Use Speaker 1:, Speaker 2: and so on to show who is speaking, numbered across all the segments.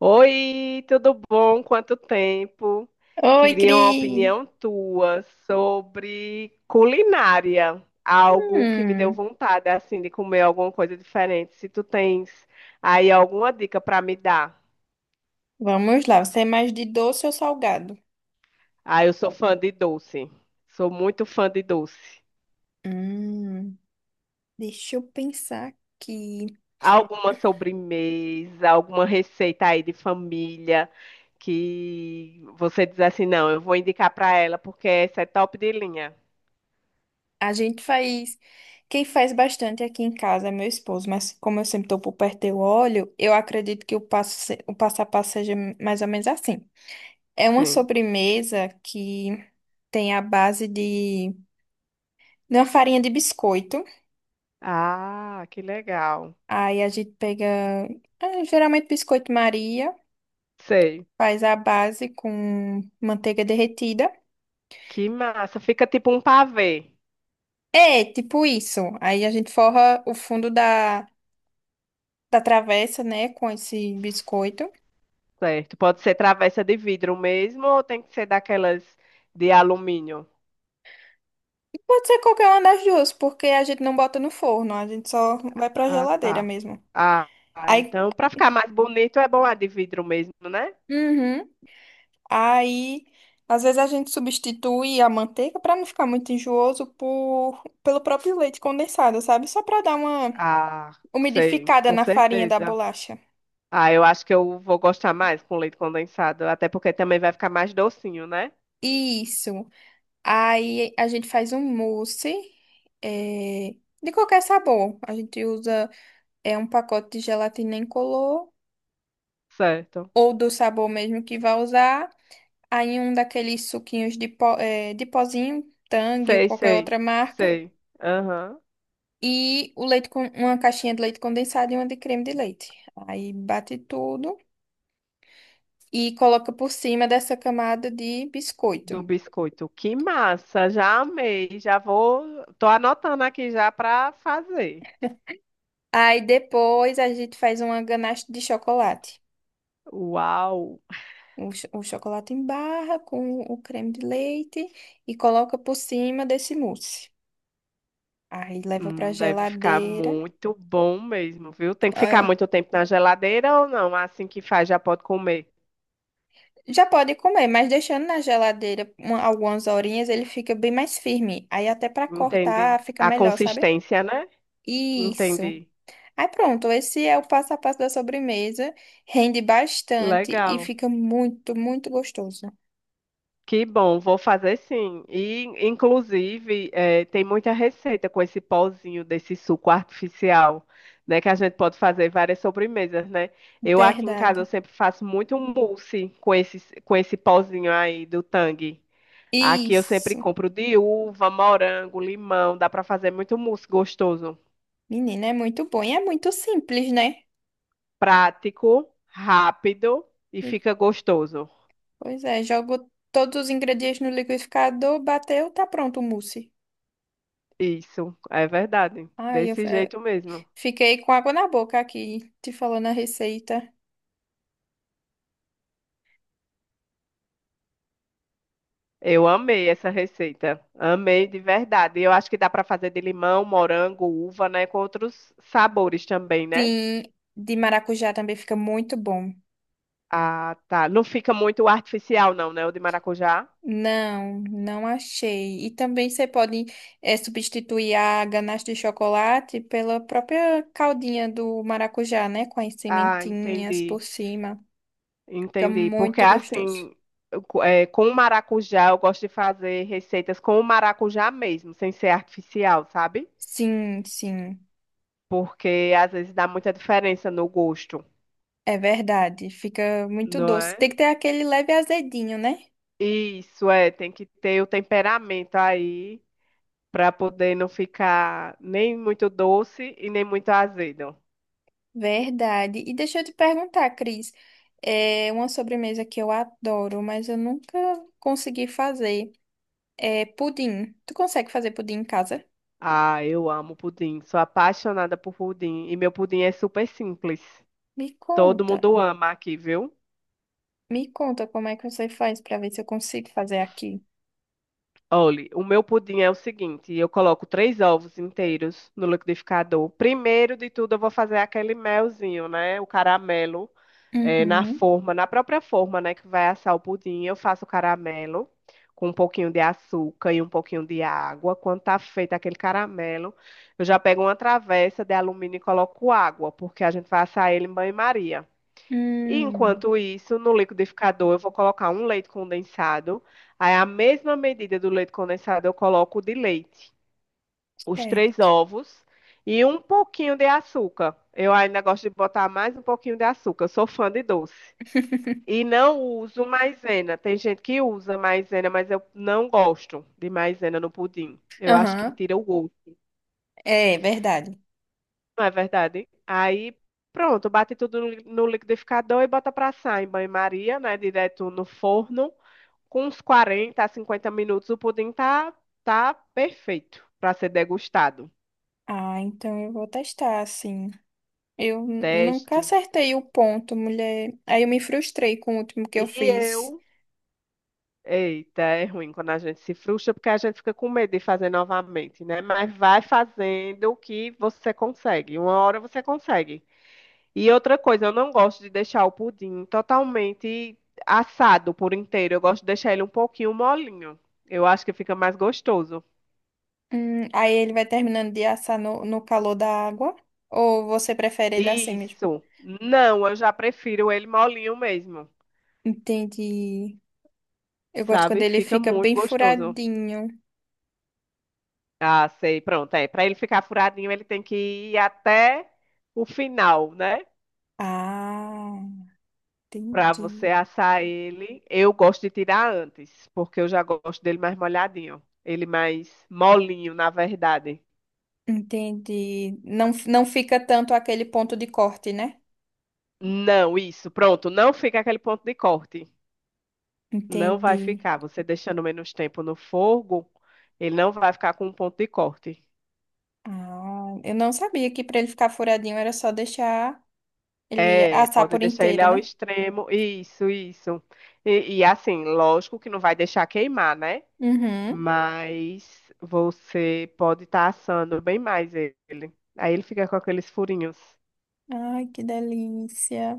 Speaker 1: Oi, tudo bom? Quanto tempo?
Speaker 2: Oi,
Speaker 1: Queria uma
Speaker 2: Cris!
Speaker 1: opinião tua sobre culinária, algo que me deu
Speaker 2: Hum,
Speaker 1: vontade assim de comer alguma coisa diferente. Se tu tens aí alguma dica para me dar.
Speaker 2: Vamos lá, você é mais de doce ou salgado?
Speaker 1: Ah, eu sou fã de doce. Sou muito fã de doce.
Speaker 2: Hum, Deixa eu pensar aqui.
Speaker 1: Alguma sobremesa, alguma receita aí de família que você diz assim, não, eu vou indicar para ela porque essa é top de linha.
Speaker 2: A gente faz. Quem faz bastante aqui em casa é meu esposo, mas como eu sempre tô por perto do óleo, eu acredito que o passo, o passo a passo seja mais ou menos assim. É uma
Speaker 1: Sim.
Speaker 2: sobremesa que tem a base de uma farinha de biscoito.
Speaker 1: Ah, que legal.
Speaker 2: Aí a gente pega, ah, geralmente biscoito Maria.
Speaker 1: Sei.
Speaker 2: Faz a base com manteiga derretida.
Speaker 1: Que massa. Fica tipo um pavê,
Speaker 2: É, tipo isso. Aí a gente forra o fundo da travessa, né, com esse biscoito.
Speaker 1: certo? Pode ser travessa de vidro mesmo ou tem que ser daquelas de alumínio?
Speaker 2: E pode ser qualquer uma das duas, porque a gente não bota no forno, a gente só vai pra
Speaker 1: Ah,
Speaker 2: geladeira
Speaker 1: tá.
Speaker 2: mesmo.
Speaker 1: Ah,
Speaker 2: Aí,
Speaker 1: então para ficar mais bonito é bom a de vidro mesmo, né?
Speaker 2: uhum, aí às vezes a gente substitui a manteiga pra não ficar muito enjooso pelo próprio leite condensado, sabe? Só pra dar uma
Speaker 1: Ah, sei,
Speaker 2: umidificada
Speaker 1: com
Speaker 2: na farinha da
Speaker 1: certeza.
Speaker 2: bolacha.
Speaker 1: Ah, eu acho que eu vou gostar mais com leite condensado, até porque também vai ficar mais docinho, né?
Speaker 2: Isso. Aí a gente faz um mousse é, de qualquer sabor. A gente usa um pacote de gelatina incolor
Speaker 1: Certo.
Speaker 2: ou do sabor mesmo que vai usar. Aí um daqueles suquinhos de pozinho, Tang ou
Speaker 1: Sei,
Speaker 2: qualquer
Speaker 1: sei,
Speaker 2: outra marca.
Speaker 1: sei. Aham.
Speaker 2: E o leite com uma caixinha de leite condensado e uma de creme de leite. Aí bate tudo e coloca por cima dessa camada de biscoito.
Speaker 1: Do biscoito. Que massa, já amei, já vou, tô anotando aqui já para fazer.
Speaker 2: Aí depois a gente faz uma ganache de chocolate.
Speaker 1: Uau,
Speaker 2: O chocolate em barra com o creme de leite e coloca por cima desse mousse. Aí leva pra
Speaker 1: deve ficar
Speaker 2: geladeira.
Speaker 1: muito bom mesmo, viu? Tem que ficar
Speaker 2: Ah,
Speaker 1: muito tempo na geladeira ou não? Assim que faz já pode comer.
Speaker 2: já pode comer, mas deixando na geladeira algumas horinhas, ele fica bem mais firme. Aí até pra
Speaker 1: Entendi.
Speaker 2: cortar fica
Speaker 1: A
Speaker 2: melhor, sabe?
Speaker 1: consistência, né?
Speaker 2: Isso.
Speaker 1: Entendi.
Speaker 2: Aí pronto, esse é o passo a passo da sobremesa. Rende bastante e
Speaker 1: Legal.
Speaker 2: fica muito, muito gostoso.
Speaker 1: Que bom, vou fazer sim. E, inclusive, tem muita receita com esse pozinho desse suco artificial, né? Que a gente pode fazer várias sobremesas, né? Eu aqui em casa eu
Speaker 2: Verdade.
Speaker 1: sempre faço muito mousse com esse pozinho aí do Tang. Aqui eu sempre
Speaker 2: Isso.
Speaker 1: compro de uva, morango, limão. Dá para fazer muito mousse gostoso.
Speaker 2: Menina, é muito bom e é muito simples, né?
Speaker 1: Prático, rápido e fica gostoso.
Speaker 2: Pois é, jogo todos os ingredientes no liquidificador, bateu, tá pronto o mousse.
Speaker 1: Isso, é verdade.
Speaker 2: Ai, eu
Speaker 1: Desse
Speaker 2: f- eh,
Speaker 1: jeito mesmo.
Speaker 2: Fiquei com água na boca aqui, te falando a receita.
Speaker 1: Eu amei essa receita. Amei de verdade. E eu acho que dá para fazer de limão, morango, uva, né? Com outros sabores também, né?
Speaker 2: Sim, de maracujá também fica muito bom.
Speaker 1: Ah, tá. Não fica muito artificial, não, né? O de maracujá.
Speaker 2: Não, não achei. E também você pode substituir a ganache de chocolate pela própria caldinha do maracujá, né? Com as
Speaker 1: Ah,
Speaker 2: sementinhas
Speaker 1: entendi.
Speaker 2: por cima. Fica
Speaker 1: Entendi. Porque
Speaker 2: muito gostoso.
Speaker 1: assim, com o maracujá, eu gosto de fazer receitas com o maracujá mesmo, sem ser artificial, sabe?
Speaker 2: Sim, sim.
Speaker 1: Porque às vezes dá muita diferença no gosto,
Speaker 2: É verdade, fica muito
Speaker 1: não
Speaker 2: doce. Tem
Speaker 1: é?
Speaker 2: que ter aquele leve azedinho, né?
Speaker 1: Isso, é. Tem que ter o temperamento aí para poder não ficar nem muito doce e nem muito azedo.
Speaker 2: Verdade. E deixa eu te perguntar, Cris, é uma sobremesa que eu adoro, mas eu nunca consegui fazer. É pudim. Tu consegue fazer pudim em casa?
Speaker 1: Ah, eu amo pudim, sou apaixonada por pudim e meu pudim é super simples.
Speaker 2: Me
Speaker 1: Todo
Speaker 2: conta.
Speaker 1: mundo ama aqui, viu?
Speaker 2: Me conta como é que você faz para ver se eu consigo fazer aqui.
Speaker 1: Olhe, o meu pudim é o seguinte: eu coloco três ovos inteiros no liquidificador. Primeiro de tudo, eu vou fazer aquele melzinho, né? O caramelo. Na
Speaker 2: Uhum.
Speaker 1: forma, na própria forma, né, que vai assar o pudim, eu faço o caramelo com um pouquinho de açúcar e um pouquinho de água. Quando tá feito aquele caramelo, eu já pego uma travessa de alumínio e coloco água, porque a gente vai assar ele em banho-maria. E
Speaker 2: Hum,
Speaker 1: enquanto isso, no liquidificador, eu vou colocar um leite condensado. Aí, a mesma medida do leite condensado, eu coloco de leite, os três
Speaker 2: certo.
Speaker 1: ovos e um pouquinho de açúcar. Eu ainda gosto de botar mais um pouquinho de açúcar. Eu sou fã de doce. E não uso maisena. Tem gente que usa maisena, mas eu não gosto de maisena no pudim. Eu acho que
Speaker 2: Aham.
Speaker 1: tira o gosto,
Speaker 2: É verdade.
Speaker 1: não é verdade? Aí, pronto, bate tudo no liquidificador e bota pra assar em banho-maria, né? Direto no forno. Com uns 40 a 50 minutos, o pudim tá perfeito para ser degustado.
Speaker 2: Ah, então eu vou testar, sim. Nunca
Speaker 1: Teste.
Speaker 2: acertei o ponto, mulher. Aí eu me frustrei com o último que
Speaker 1: E
Speaker 2: eu fiz.
Speaker 1: eu Eita, é ruim quando a gente se frustra, porque a gente fica com medo de fazer novamente, né? Mas vai fazendo o que você consegue. Uma hora você consegue. E outra coisa, eu não gosto de deixar o pudim totalmente assado por inteiro. Eu gosto de deixar ele um pouquinho molinho. Eu acho que fica mais gostoso.
Speaker 2: Aí ele vai terminando de assar no calor da água? Ou você prefere ele assim mesmo?
Speaker 1: Isso. Não, eu já prefiro ele molinho mesmo,
Speaker 2: Entendi. Eu gosto quando
Speaker 1: sabe?
Speaker 2: ele
Speaker 1: Fica
Speaker 2: fica
Speaker 1: muito
Speaker 2: bem
Speaker 1: gostoso.
Speaker 2: furadinho.
Speaker 1: Ah, sei. Pronto, é. Para ele ficar furadinho, ele tem que ir até o final, né?
Speaker 2: Ah,
Speaker 1: Para você
Speaker 2: entendi.
Speaker 1: assar ele, eu gosto de tirar antes, porque eu já gosto dele mais molhadinho. Ele mais molinho, na verdade.
Speaker 2: Entendi. Não, não fica tanto aquele ponto de corte, né?
Speaker 1: Não, isso, pronto. Não fica aquele ponto de corte. Não vai
Speaker 2: Entendi.
Speaker 1: ficar. Você deixando menos tempo no fogo, ele não vai ficar com um ponto de corte.
Speaker 2: Ah, eu não sabia que para ele ficar furadinho era só deixar ele
Speaker 1: É,
Speaker 2: assar
Speaker 1: pode
Speaker 2: por
Speaker 1: deixar ele
Speaker 2: inteiro,
Speaker 1: ao
Speaker 2: né?
Speaker 1: extremo. Isso, isso. E assim, lógico que não vai deixar queimar, né?
Speaker 2: Uhum.
Speaker 1: Mas você pode estar assando bem mais ele. Aí ele fica com aqueles furinhos.
Speaker 2: Ai, que delícia.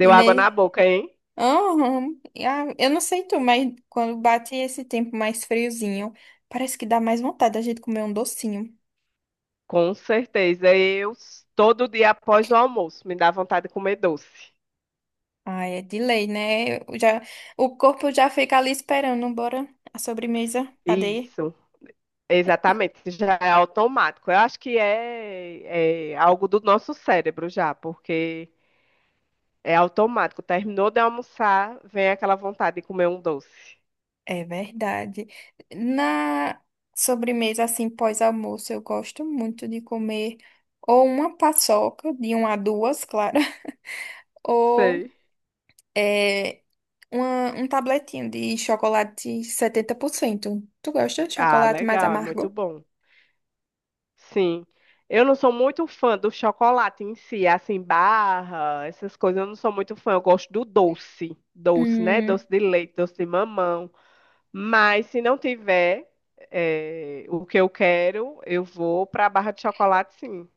Speaker 2: E
Speaker 1: água na
Speaker 2: ne...
Speaker 1: boca, hein?
Speaker 2: Aham. Ah, eu não sei tu, mas quando bate esse tempo mais friozinho, parece que dá mais vontade da gente comer um docinho.
Speaker 1: Com certeza. Todo dia após o almoço, me dá vontade de comer doce.
Speaker 2: Ai, é de lei, né? O corpo já fica ali esperando, bora a sobremesa. Cadê?
Speaker 1: Isso, exatamente. Já é automático. Eu acho que é algo do nosso cérebro já, porque é automático. Terminou de almoçar, vem aquela vontade de comer um doce.
Speaker 2: É verdade. Na sobremesa, assim, pós-almoço, eu gosto muito de comer ou uma paçoca, de uma a duas, claro.
Speaker 1: Sei.
Speaker 2: É um tabletinho de chocolate 70%. Tu gosta de
Speaker 1: Ah,
Speaker 2: chocolate mais
Speaker 1: legal, é muito
Speaker 2: amargo?
Speaker 1: bom. Sim. Eu não sou muito fã do chocolate em si, assim, barra, essas coisas, eu não sou muito fã. Eu gosto do doce, doce, né?
Speaker 2: Hum,
Speaker 1: Doce de leite, doce de mamão. Mas se não tiver o que eu quero, eu vou para a barra de chocolate, sim.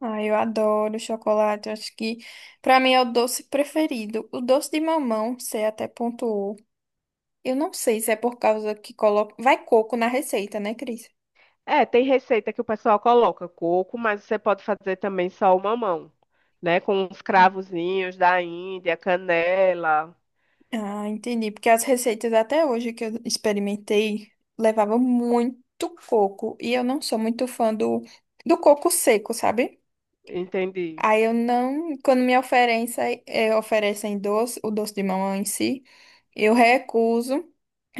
Speaker 2: ai, eu adoro chocolate. Eu Acho que pra mim é o doce preferido. O doce de mamão, você até pontuou. Eu não sei se é por causa que coloca. Vai coco na receita, né, Cris?
Speaker 1: É, tem receita que o pessoal coloca coco, mas você pode fazer também só o mamão, né? Com os cravozinhos da Índia, canela.
Speaker 2: Ah, entendi. Porque as receitas até hoje que eu experimentei levavam muito coco. E eu não sou muito fã do coco seco, sabe?
Speaker 1: Entendi,
Speaker 2: Aí eu não, quando me oferecem, oferecem doce, o doce de mamão em si, eu recuso,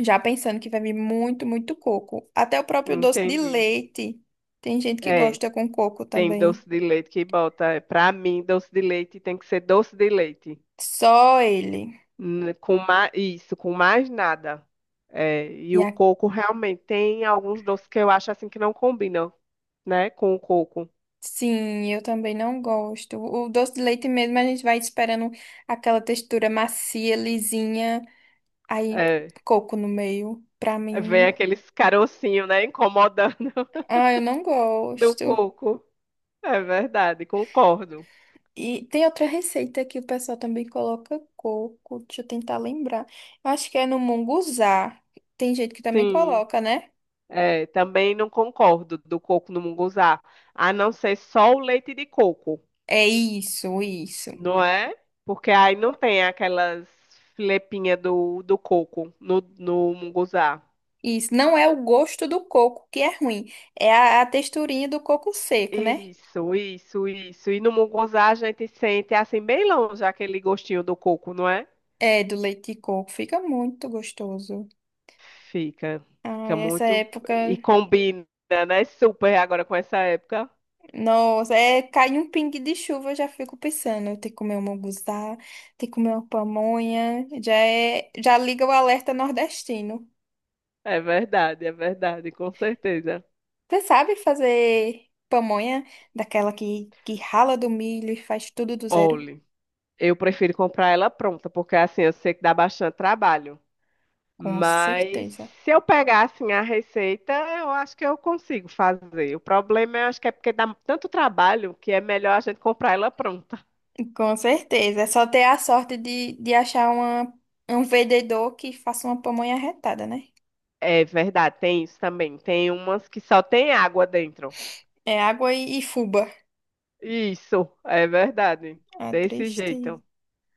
Speaker 2: já pensando que vai vir muito, muito coco. Até o próprio doce de
Speaker 1: entendi.
Speaker 2: leite. Tem gente que
Speaker 1: é
Speaker 2: gosta com coco
Speaker 1: Tem
Speaker 2: também.
Speaker 1: doce de leite que bota. Pra mim, doce de leite tem que ser doce de leite.
Speaker 2: Só ele.
Speaker 1: Com mais, isso, com mais nada. É,
Speaker 2: E
Speaker 1: e o
Speaker 2: a-
Speaker 1: coco realmente tem alguns doces que eu acho assim que não combinam, né, com o coco.
Speaker 2: sim, eu também não gosto. O doce de leite mesmo, a gente vai esperando aquela textura macia, lisinha, aí
Speaker 1: É,
Speaker 2: coco no meio. Pra
Speaker 1: vem
Speaker 2: mim,
Speaker 1: aqueles carocinhos, né, incomodando
Speaker 2: ah, eu não
Speaker 1: do
Speaker 2: gosto.
Speaker 1: coco. É verdade, concordo.
Speaker 2: E tem outra receita que o pessoal também coloca coco. Deixa eu tentar lembrar. Eu acho que é no munguzá. Tem gente que também
Speaker 1: Sim,
Speaker 2: coloca, né?
Speaker 1: é, também não concordo do coco no munguzá. A não ser só o leite de coco.
Speaker 2: É isso, isso.
Speaker 1: não é? Porque aí não tem aquelas filepinhas do coco no munguzá.
Speaker 2: Isso. Não é o gosto do coco que é ruim. É a texturinha do coco seco, né?
Speaker 1: Isso, isso, isso. E no munguzá a gente sente assim bem longe aquele gostinho do coco, não é?
Speaker 2: É, do leite de coco. Fica muito gostoso.
Speaker 1: Fica, fica
Speaker 2: Ai, essa
Speaker 1: muito
Speaker 2: época.
Speaker 1: e combina, né? Super agora com essa época.
Speaker 2: Nossa, é, cai um pingue de chuva, eu já fico pensando. Eu tenho que comer um munguzá, tenho que comer uma pamonha. Já é, já liga o alerta nordestino.
Speaker 1: É verdade, com certeza.
Speaker 2: Você sabe fazer pamonha daquela que rala do milho e faz tudo do zero?
Speaker 1: Olhe, eu prefiro comprar ela pronta, porque assim eu sei que dá bastante trabalho.
Speaker 2: Com
Speaker 1: Mas
Speaker 2: certeza.
Speaker 1: se eu pegar assim a receita, eu acho que eu consigo fazer. O problema eu acho que é porque dá tanto trabalho que é melhor a gente comprar ela pronta.
Speaker 2: Com certeza. É só ter a sorte de achar um vendedor que faça uma pamonha retada, né?
Speaker 1: É verdade, tem isso também. Tem umas que só tem água dentro.
Speaker 2: É água e fubá.
Speaker 1: Isso, é verdade.
Speaker 2: É
Speaker 1: Desse
Speaker 2: triste.
Speaker 1: jeito.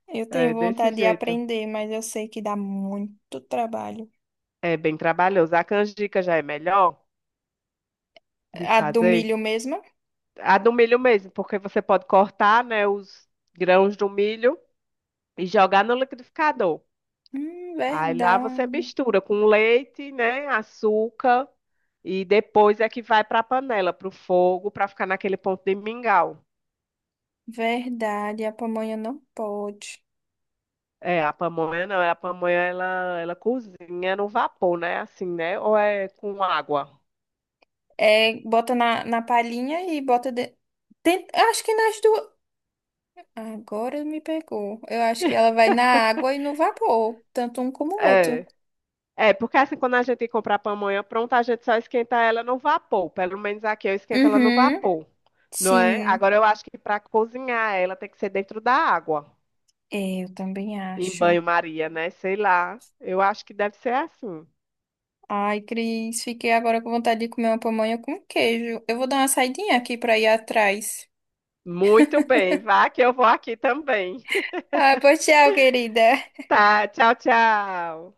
Speaker 2: Eu tenho
Speaker 1: É desse
Speaker 2: vontade de
Speaker 1: jeito.
Speaker 2: aprender, mas eu sei que dá muito trabalho.
Speaker 1: É bem trabalhoso. A canjica já é melhor de
Speaker 2: A do
Speaker 1: fazer.
Speaker 2: milho mesmo?
Speaker 1: A do milho mesmo, porque você pode cortar, né, os grãos do milho e jogar no liquidificador. Aí lá você
Speaker 2: Verdade.
Speaker 1: mistura com leite, né, açúcar e depois é que vai para a panela, para o fogo, para ficar naquele ponto de mingau.
Speaker 2: Verdade. A pamonha não pode.
Speaker 1: É, a pamonha não, a pamonha ela cozinha no vapor, né, assim, né, ou é com água.
Speaker 2: É, bota na palhinha e bota. Tem- eu Acho que nas duas. Agora me pegou. Eu acho que ela vai na água e no vapor, tanto um como o outro.
Speaker 1: É. É, porque assim, quando a gente compra a pamonha pronta, a gente só esquenta ela no vapor. Pelo menos aqui eu esquento ela no
Speaker 2: Uhum,
Speaker 1: vapor, não é?
Speaker 2: sim.
Speaker 1: Agora eu acho que para cozinhar ela tem que ser dentro da água,
Speaker 2: É, eu também
Speaker 1: em
Speaker 2: acho.
Speaker 1: banho-maria, né? Sei lá. Eu acho que deve ser assim.
Speaker 2: Ai, Cris, fiquei agora com vontade de comer uma pamonha com queijo. Eu vou dar uma saidinha aqui pra ir atrás.
Speaker 1: Muito bem, vá que eu vou aqui também.
Speaker 2: Ah, pois tchau, querida.
Speaker 1: Tá, tchau, tchau.